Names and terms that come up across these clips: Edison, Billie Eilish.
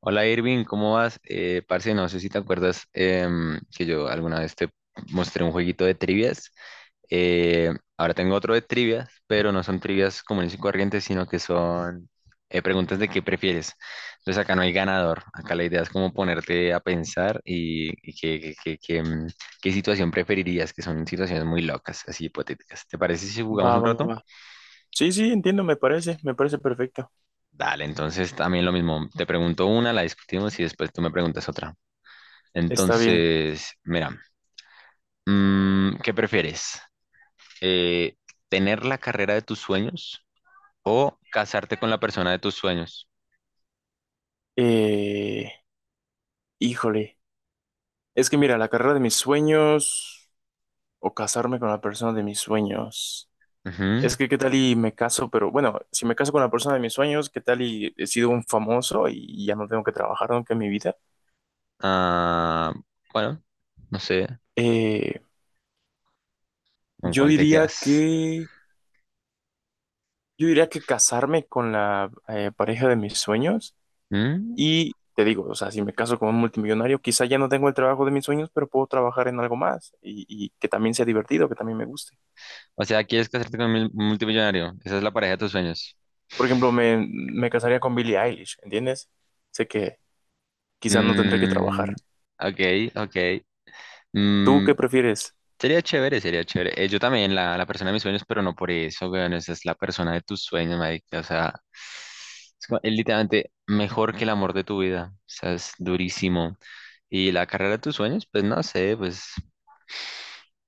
Hola Irving, ¿cómo vas? Parce, no sé si te acuerdas que yo alguna vez te mostré un jueguito de trivias. Eh, Ahora tengo otro de trivias, pero no son trivias comunes y corrientes, sino que son preguntas de qué prefieres. Entonces acá no hay ganador, acá la idea es como ponerte a pensar y qué situación preferirías, que son situaciones muy locas, así hipotéticas. ¿Te parece si Va, jugamos un va, rato? va. Sí, sí, entiendo, me parece perfecto. Dale, entonces también lo mismo, te pregunto una, la discutimos y después tú me preguntas otra. Está bien. Entonces, mira, ¿qué prefieres? Eh, ¿Tener la carrera de tus sueños o casarte con la persona de tus sueños? Eh, híjole, es que mira, la carrera de mis sueños o casarme con la persona de mis sueños. Ujú. Es que qué tal y me caso, pero bueno, si me caso con la persona de mis sueños, qué tal y he sido un famoso y ya no tengo que trabajar nunca en mi vida. Ah, bueno, no sé, Eh, ¿con yo cuál te diría quedas? que, yo diría que casarme con la pareja de mis sueños. ¿Mm? Y te digo, o sea, si me caso con un multimillonario, quizá ya no tengo el trabajo de mis sueños, pero puedo trabajar en algo más y que también sea divertido, que también me guste. O sea, ¿quieres casarte con un multimillonario? Esa es la pareja de tus sueños. Por ejemplo, me casaría con Billie Eilish, ¿entiendes? Sé que quizá no tendré que Mm, trabajar. ok, ok. ¿Tú Mm. qué prefieres? Sería chévere, sería chévere. Yo también, la persona de mis sueños, pero no por eso, weón. Esa es la persona de tus sueños, marica. O sea, es, es literalmente mejor que el amor de tu vida. O sea, es durísimo. Y la carrera de tus sueños, pues no sé, pues.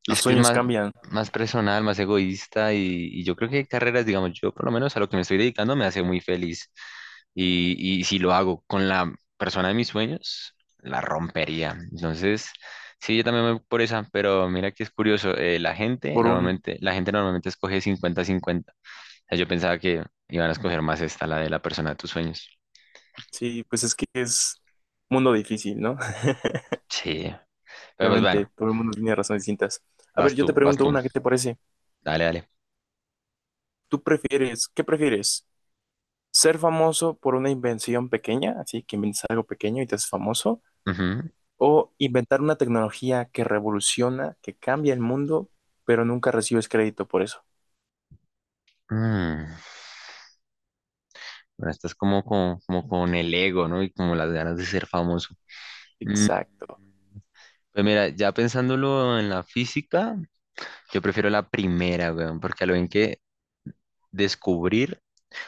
Los Es que es sueños más, cambian más personal, más egoísta y yo creo que hay carreras, digamos, yo por lo menos a lo que me estoy dedicando me hace muy feliz. Y si lo hago con la persona de mis sueños, la rompería. Entonces, sí, yo también me voy por esa, pero mira que es curioso, la gente por un. normalmente, la gente normalmente escoge 50-50. O sea, yo pensaba que iban a escoger más esta, la de la persona de tus sueños. Sí, pues es que es mundo difícil, ¿no? Sí, pero pues Realmente bueno, todo el mundo tiene razones distintas. A ver, vas yo tú, te vas pregunto tú. una, ¿qué te parece? Dale, dale. ¿Qué prefieres? ¿Ser famoso por una invención pequeña? Así que inventas algo pequeño y te haces famoso. Ujú. O inventar una tecnología que revoluciona, que cambia el mundo, pero nunca recibes crédito por eso. Mm. Bueno, estás como con el ego, ¿no? Y como las ganas de ser famoso. Exacto. Pues mira, ya pensándolo en la física, yo prefiero la primera, weón, porque a lo bien que descubrir,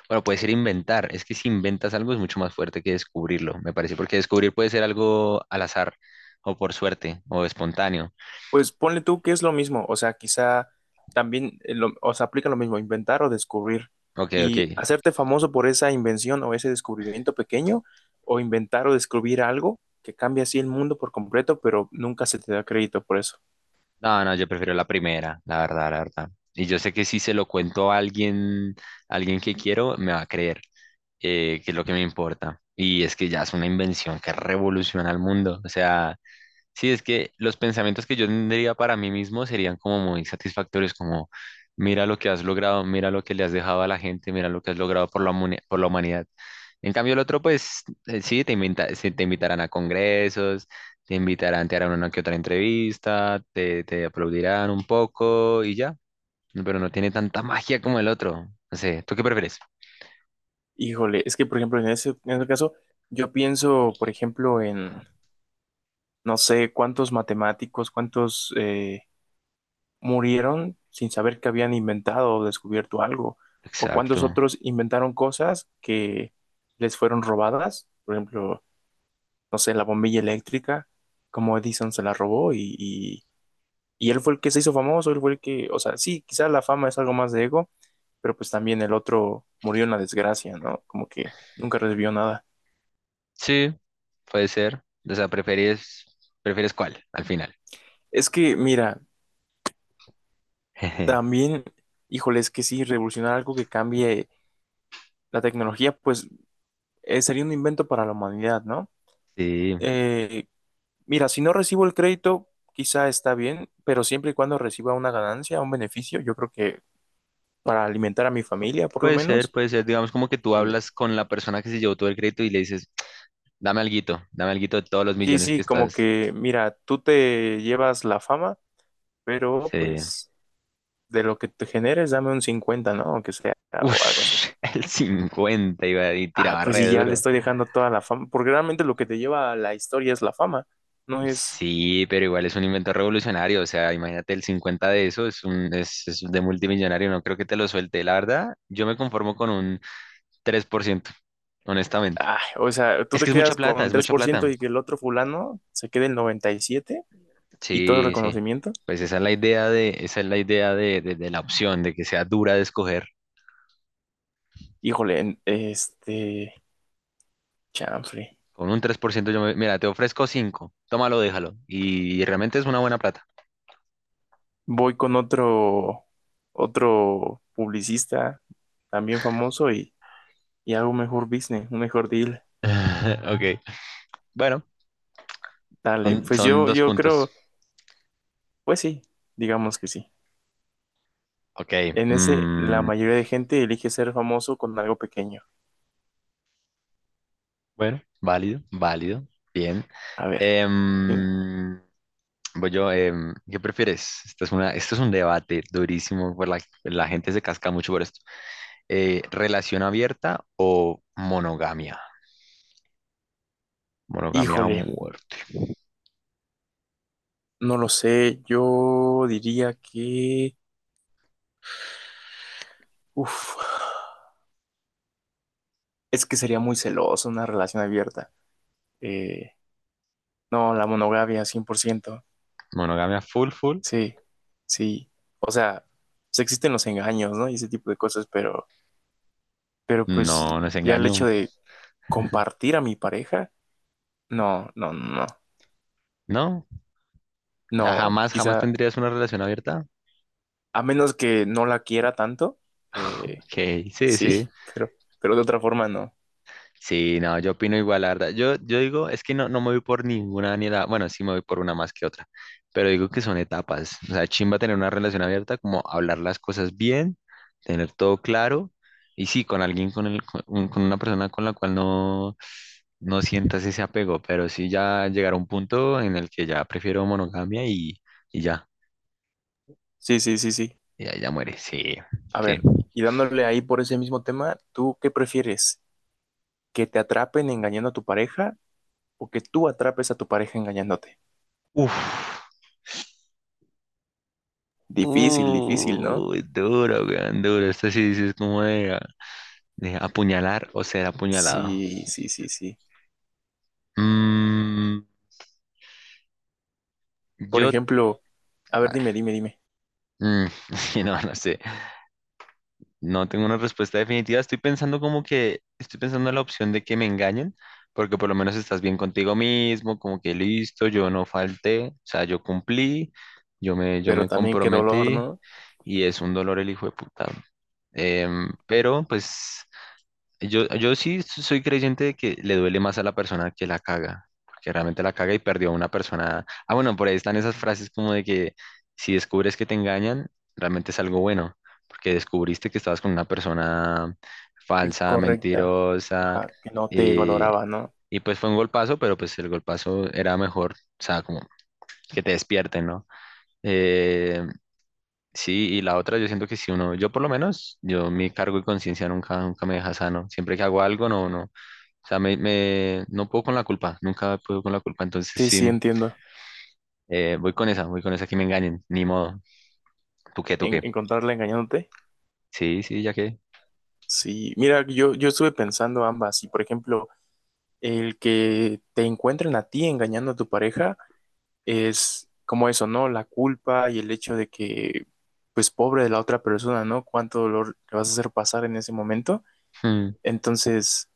bueno, puede ser inventar, es que si inventas algo es mucho más fuerte que descubrirlo, me parece, porque descubrir puede ser algo al azar, o por suerte, o espontáneo. Pues ponle tú que es lo mismo, o sea, quizá también, o sea, aplica lo mismo, inventar o descubrir Ok, ok. y hacerte famoso por esa invención o ese descubrimiento pequeño, o inventar o descubrir algo que cambia así el mundo por completo, pero nunca se te da crédito por eso. No, no, yo prefiero la primera, la verdad, la verdad. Y yo sé que si se lo cuento a alguien que quiero, me va a creer. Que es lo que me importa. Y es que ya es una invención que revoluciona el mundo. O sea, sí, es que los pensamientos que yo tendría para mí mismo serían como muy satisfactorios, como mira lo que has logrado, mira lo que le has dejado a la gente, mira lo que has logrado por por la humanidad. En cambio, el otro, pues sí, sí, te invitarán a congresos, te invitarán, te harán una que otra entrevista, te aplaudirán un poco y ya. Pero no tiene tanta magia como el otro. No sé, ¿tú qué prefieres? Híjole, es que por ejemplo, en ese caso, yo pienso, por ejemplo, en, no sé, cuántos matemáticos, cuántos, murieron sin saber que habían inventado o descubierto algo, o cuántos Exacto. otros inventaron cosas que les fueron robadas, por ejemplo, no sé, la bombilla eléctrica, como Edison se la robó y él fue el que se hizo famoso, él fue el que, o sea, sí, quizás la fama es algo más de ego, pero pues también el otro murió en la desgracia, ¿no? Como que nunca recibió nada. Sí, puede ser. O sea, prefieres cuál al final. Es que, mira, también, híjole, es que sí, revolucionar algo que cambie la tecnología, pues sería un invento para la humanidad, ¿no? Sí, Eh, Mira, si no recibo el crédito, quizá está bien, pero siempre y cuando reciba una ganancia, un beneficio, yo creo que para alimentar a mi familia, por lo puede ser, menos. puede ser. Digamos como que tú eh, hablas con la persona que se llevó todo el crédito y le dices, dame alguito de todos los sí, millones que sí, como estás. que, mira, tú te llevas la fama, pero Sí. pues de lo que te generes, dame un 50, ¿no? Aunque sea, o algo así. Ush, el 50 iba y Ah, tiraba pues sí, re ya le duro. estoy dejando toda la fama, porque realmente lo que te lleva a la historia es la fama, no es... Sí, pero igual es un invento revolucionario. O sea, imagínate el 50 de eso, es de multimillonario. No creo que te lo suelte. La verdad, yo me conformo con un 3% honestamente. Ah, o sea, tú Es te que es mucha quedas plata, con es tres mucha por ciento plata. y que el otro fulano se quede el 97% y 7% y todo el Sí, sí. reconocimiento. Pues esa es la idea de la opción, de que sea dura de escoger. Híjole, este, chanfle. Con un 3% mira, te ofrezco cinco. Tómalo, déjalo. Y realmente es una buena plata. Voy con otro publicista también famoso y hago un mejor business, un mejor deal. Ok. Bueno, Dale, son, pues son yo, dos yo puntos. creo, pues sí, digamos que sí. Ok. En ese, la mm, mayoría de gente elige ser famoso con algo pequeño. bueno, válido, válido. Bien. A ver, hí- Em, Voy yo, ¿qué prefieres? Esto es un debate durísimo, por la gente se casca mucho por esto. ¿Relación abierta o monogamia? Monogamia a híjole, muerte. no lo sé, yo diría que, uf, es que sería muy celoso una relación abierta. Eh, no, la monogamia, 100%. Monogamia full, full. Sí, sí. O sea, pues existen los engaños, ¿no? Y ese tipo de cosas, pero pues No, no es ya el hecho engaño. de compartir a mi pareja, no, no, no, No. O sea, no, jamás, jamás quizá, tendrías una relación abierta. a menos que no la quiera tanto, eh, Ok, sí, sí. sí, pero de otra forma no. Sí, no, yo opino igual, la verdad. Yo digo, es que no, no me voy por ninguna ni bueno, sí me voy por una más que otra, pero digo que son etapas. O sea, chimba tener una relación abierta, como hablar las cosas bien, tener todo claro, y sí, con alguien, con una persona con la cual no, no sientas ese apego, pero sí ya llegar a un punto en el que ya prefiero monogamia y ya, Sí, sí, sí, sí. y ya, ya muere, sí, A sí. ver, y dándole ahí por ese mismo tema, ¿tú qué prefieres? ¿Que te atrapen engañando a tu pareja o que tú atrapes a tu pareja engañándote? Uf, Difícil, difícil, ¿no? uy, duro, weón, duro. Esto sí, sí es como de. Apuñalar o ser apuñalado. Sí, sí, sí, sí. Mm, Por a ejemplo, a ver, dime, dime, dime. ver, sí, no, no sé. No tengo una respuesta definitiva. Estoy pensando en la opción de que me engañen, porque por lo menos estás bien contigo mismo, como que listo, yo no falté, o sea, yo cumplí, yo me, yo Pero me también qué dolor, comprometí ¿no? y es un dolor el hijo de puta. Pero pues. Yo sí soy creyente de que le duele más a la persona que la caga, porque realmente la caga y perdió a una persona. Ah, bueno, por ahí están esas frases como de que si descubres que te engañan, realmente es algo bueno, porque descubriste que estabas con una persona falsa, Incorrecta. mentirosa, Ajá, que no te y, valoraba, ¿no? y pues fue un golpazo, pero pues el golpazo era mejor, o sea, como que te despierten, ¿no? Eh, Sí, y la otra, yo siento que si uno, yo por lo menos, yo mi cargo y conciencia nunca, nunca me deja sano. Siempre que hago algo, no, no. O sea, no puedo con la culpa, nunca puedo con la culpa. Entonces Sí, sí, sí, entiendo. Voy con esa que me engañen, ni modo. ¿Tú qué, tú En, qué? encontrarla engañándote. Sí, sí, ya que. Sí, mira, yo estuve pensando ambas. Y por ejemplo, el que te encuentren a ti engañando a tu pareja es como eso, ¿no? La culpa y el hecho de que, pues, pobre de la otra persona, ¿no? Cuánto dolor le vas a hacer pasar en ese momento. Hmm. Entonces,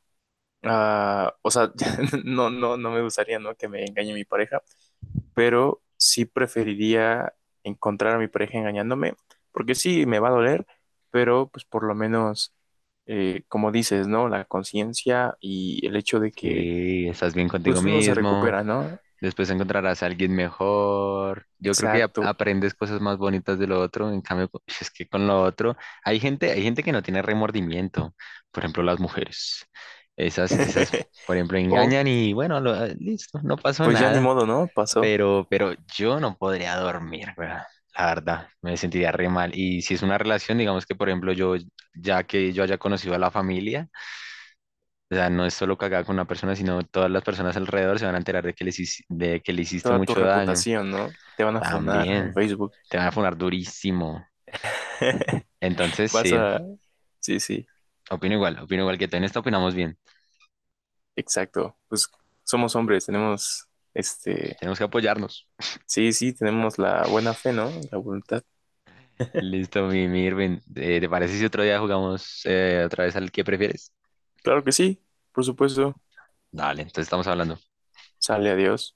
ah, o sea, no, no, no me gustaría, ¿no? Que me engañe mi pareja pero sí preferiría encontrar a mi pareja engañándome, porque sí, me va a doler, pero pues por lo menos, como dices, ¿no? La conciencia y el hecho de que Sí, estás bien contigo pues uno se mismo. recupera, ¿no? Después encontrarás a alguien mejor. Yo creo que Exacto. aprendes cosas más bonitas de lo otro. En cambio, es que con lo otro hay gente que no tiene remordimiento. Por ejemplo, las mujeres. Esas, por ejemplo, O engañan y bueno, ah, listo, no pasó pues ya ni nada. modo, ¿no? Pasó Pero yo no podría dormir, weón. La verdad, me sentiría re mal. Y si es una relación, digamos que, por ejemplo, ya que yo haya conocido a la familia, o sea, no es solo cagada con una persona, sino todas las personas alrededor se van a enterar de que le hiciste toda tu mucho daño. reputación, ¿no? Te van a funar en También, Facebook. te van a funar durísimo. Entonces, Vas sí, a. Sí, sí, opino igual que tú. En esto opinamos bien. exacto. Pues somos hombres, tenemos, este, Tenemos que apoyarnos. sí, sí, tenemos la buena fe, ¿no? La voluntad. Listo, mi Irving. ¿Te parece si otro día jugamos otra vez al que prefieres? Claro que sí, por supuesto. Dale, entonces estamos hablando. Sale, adiós.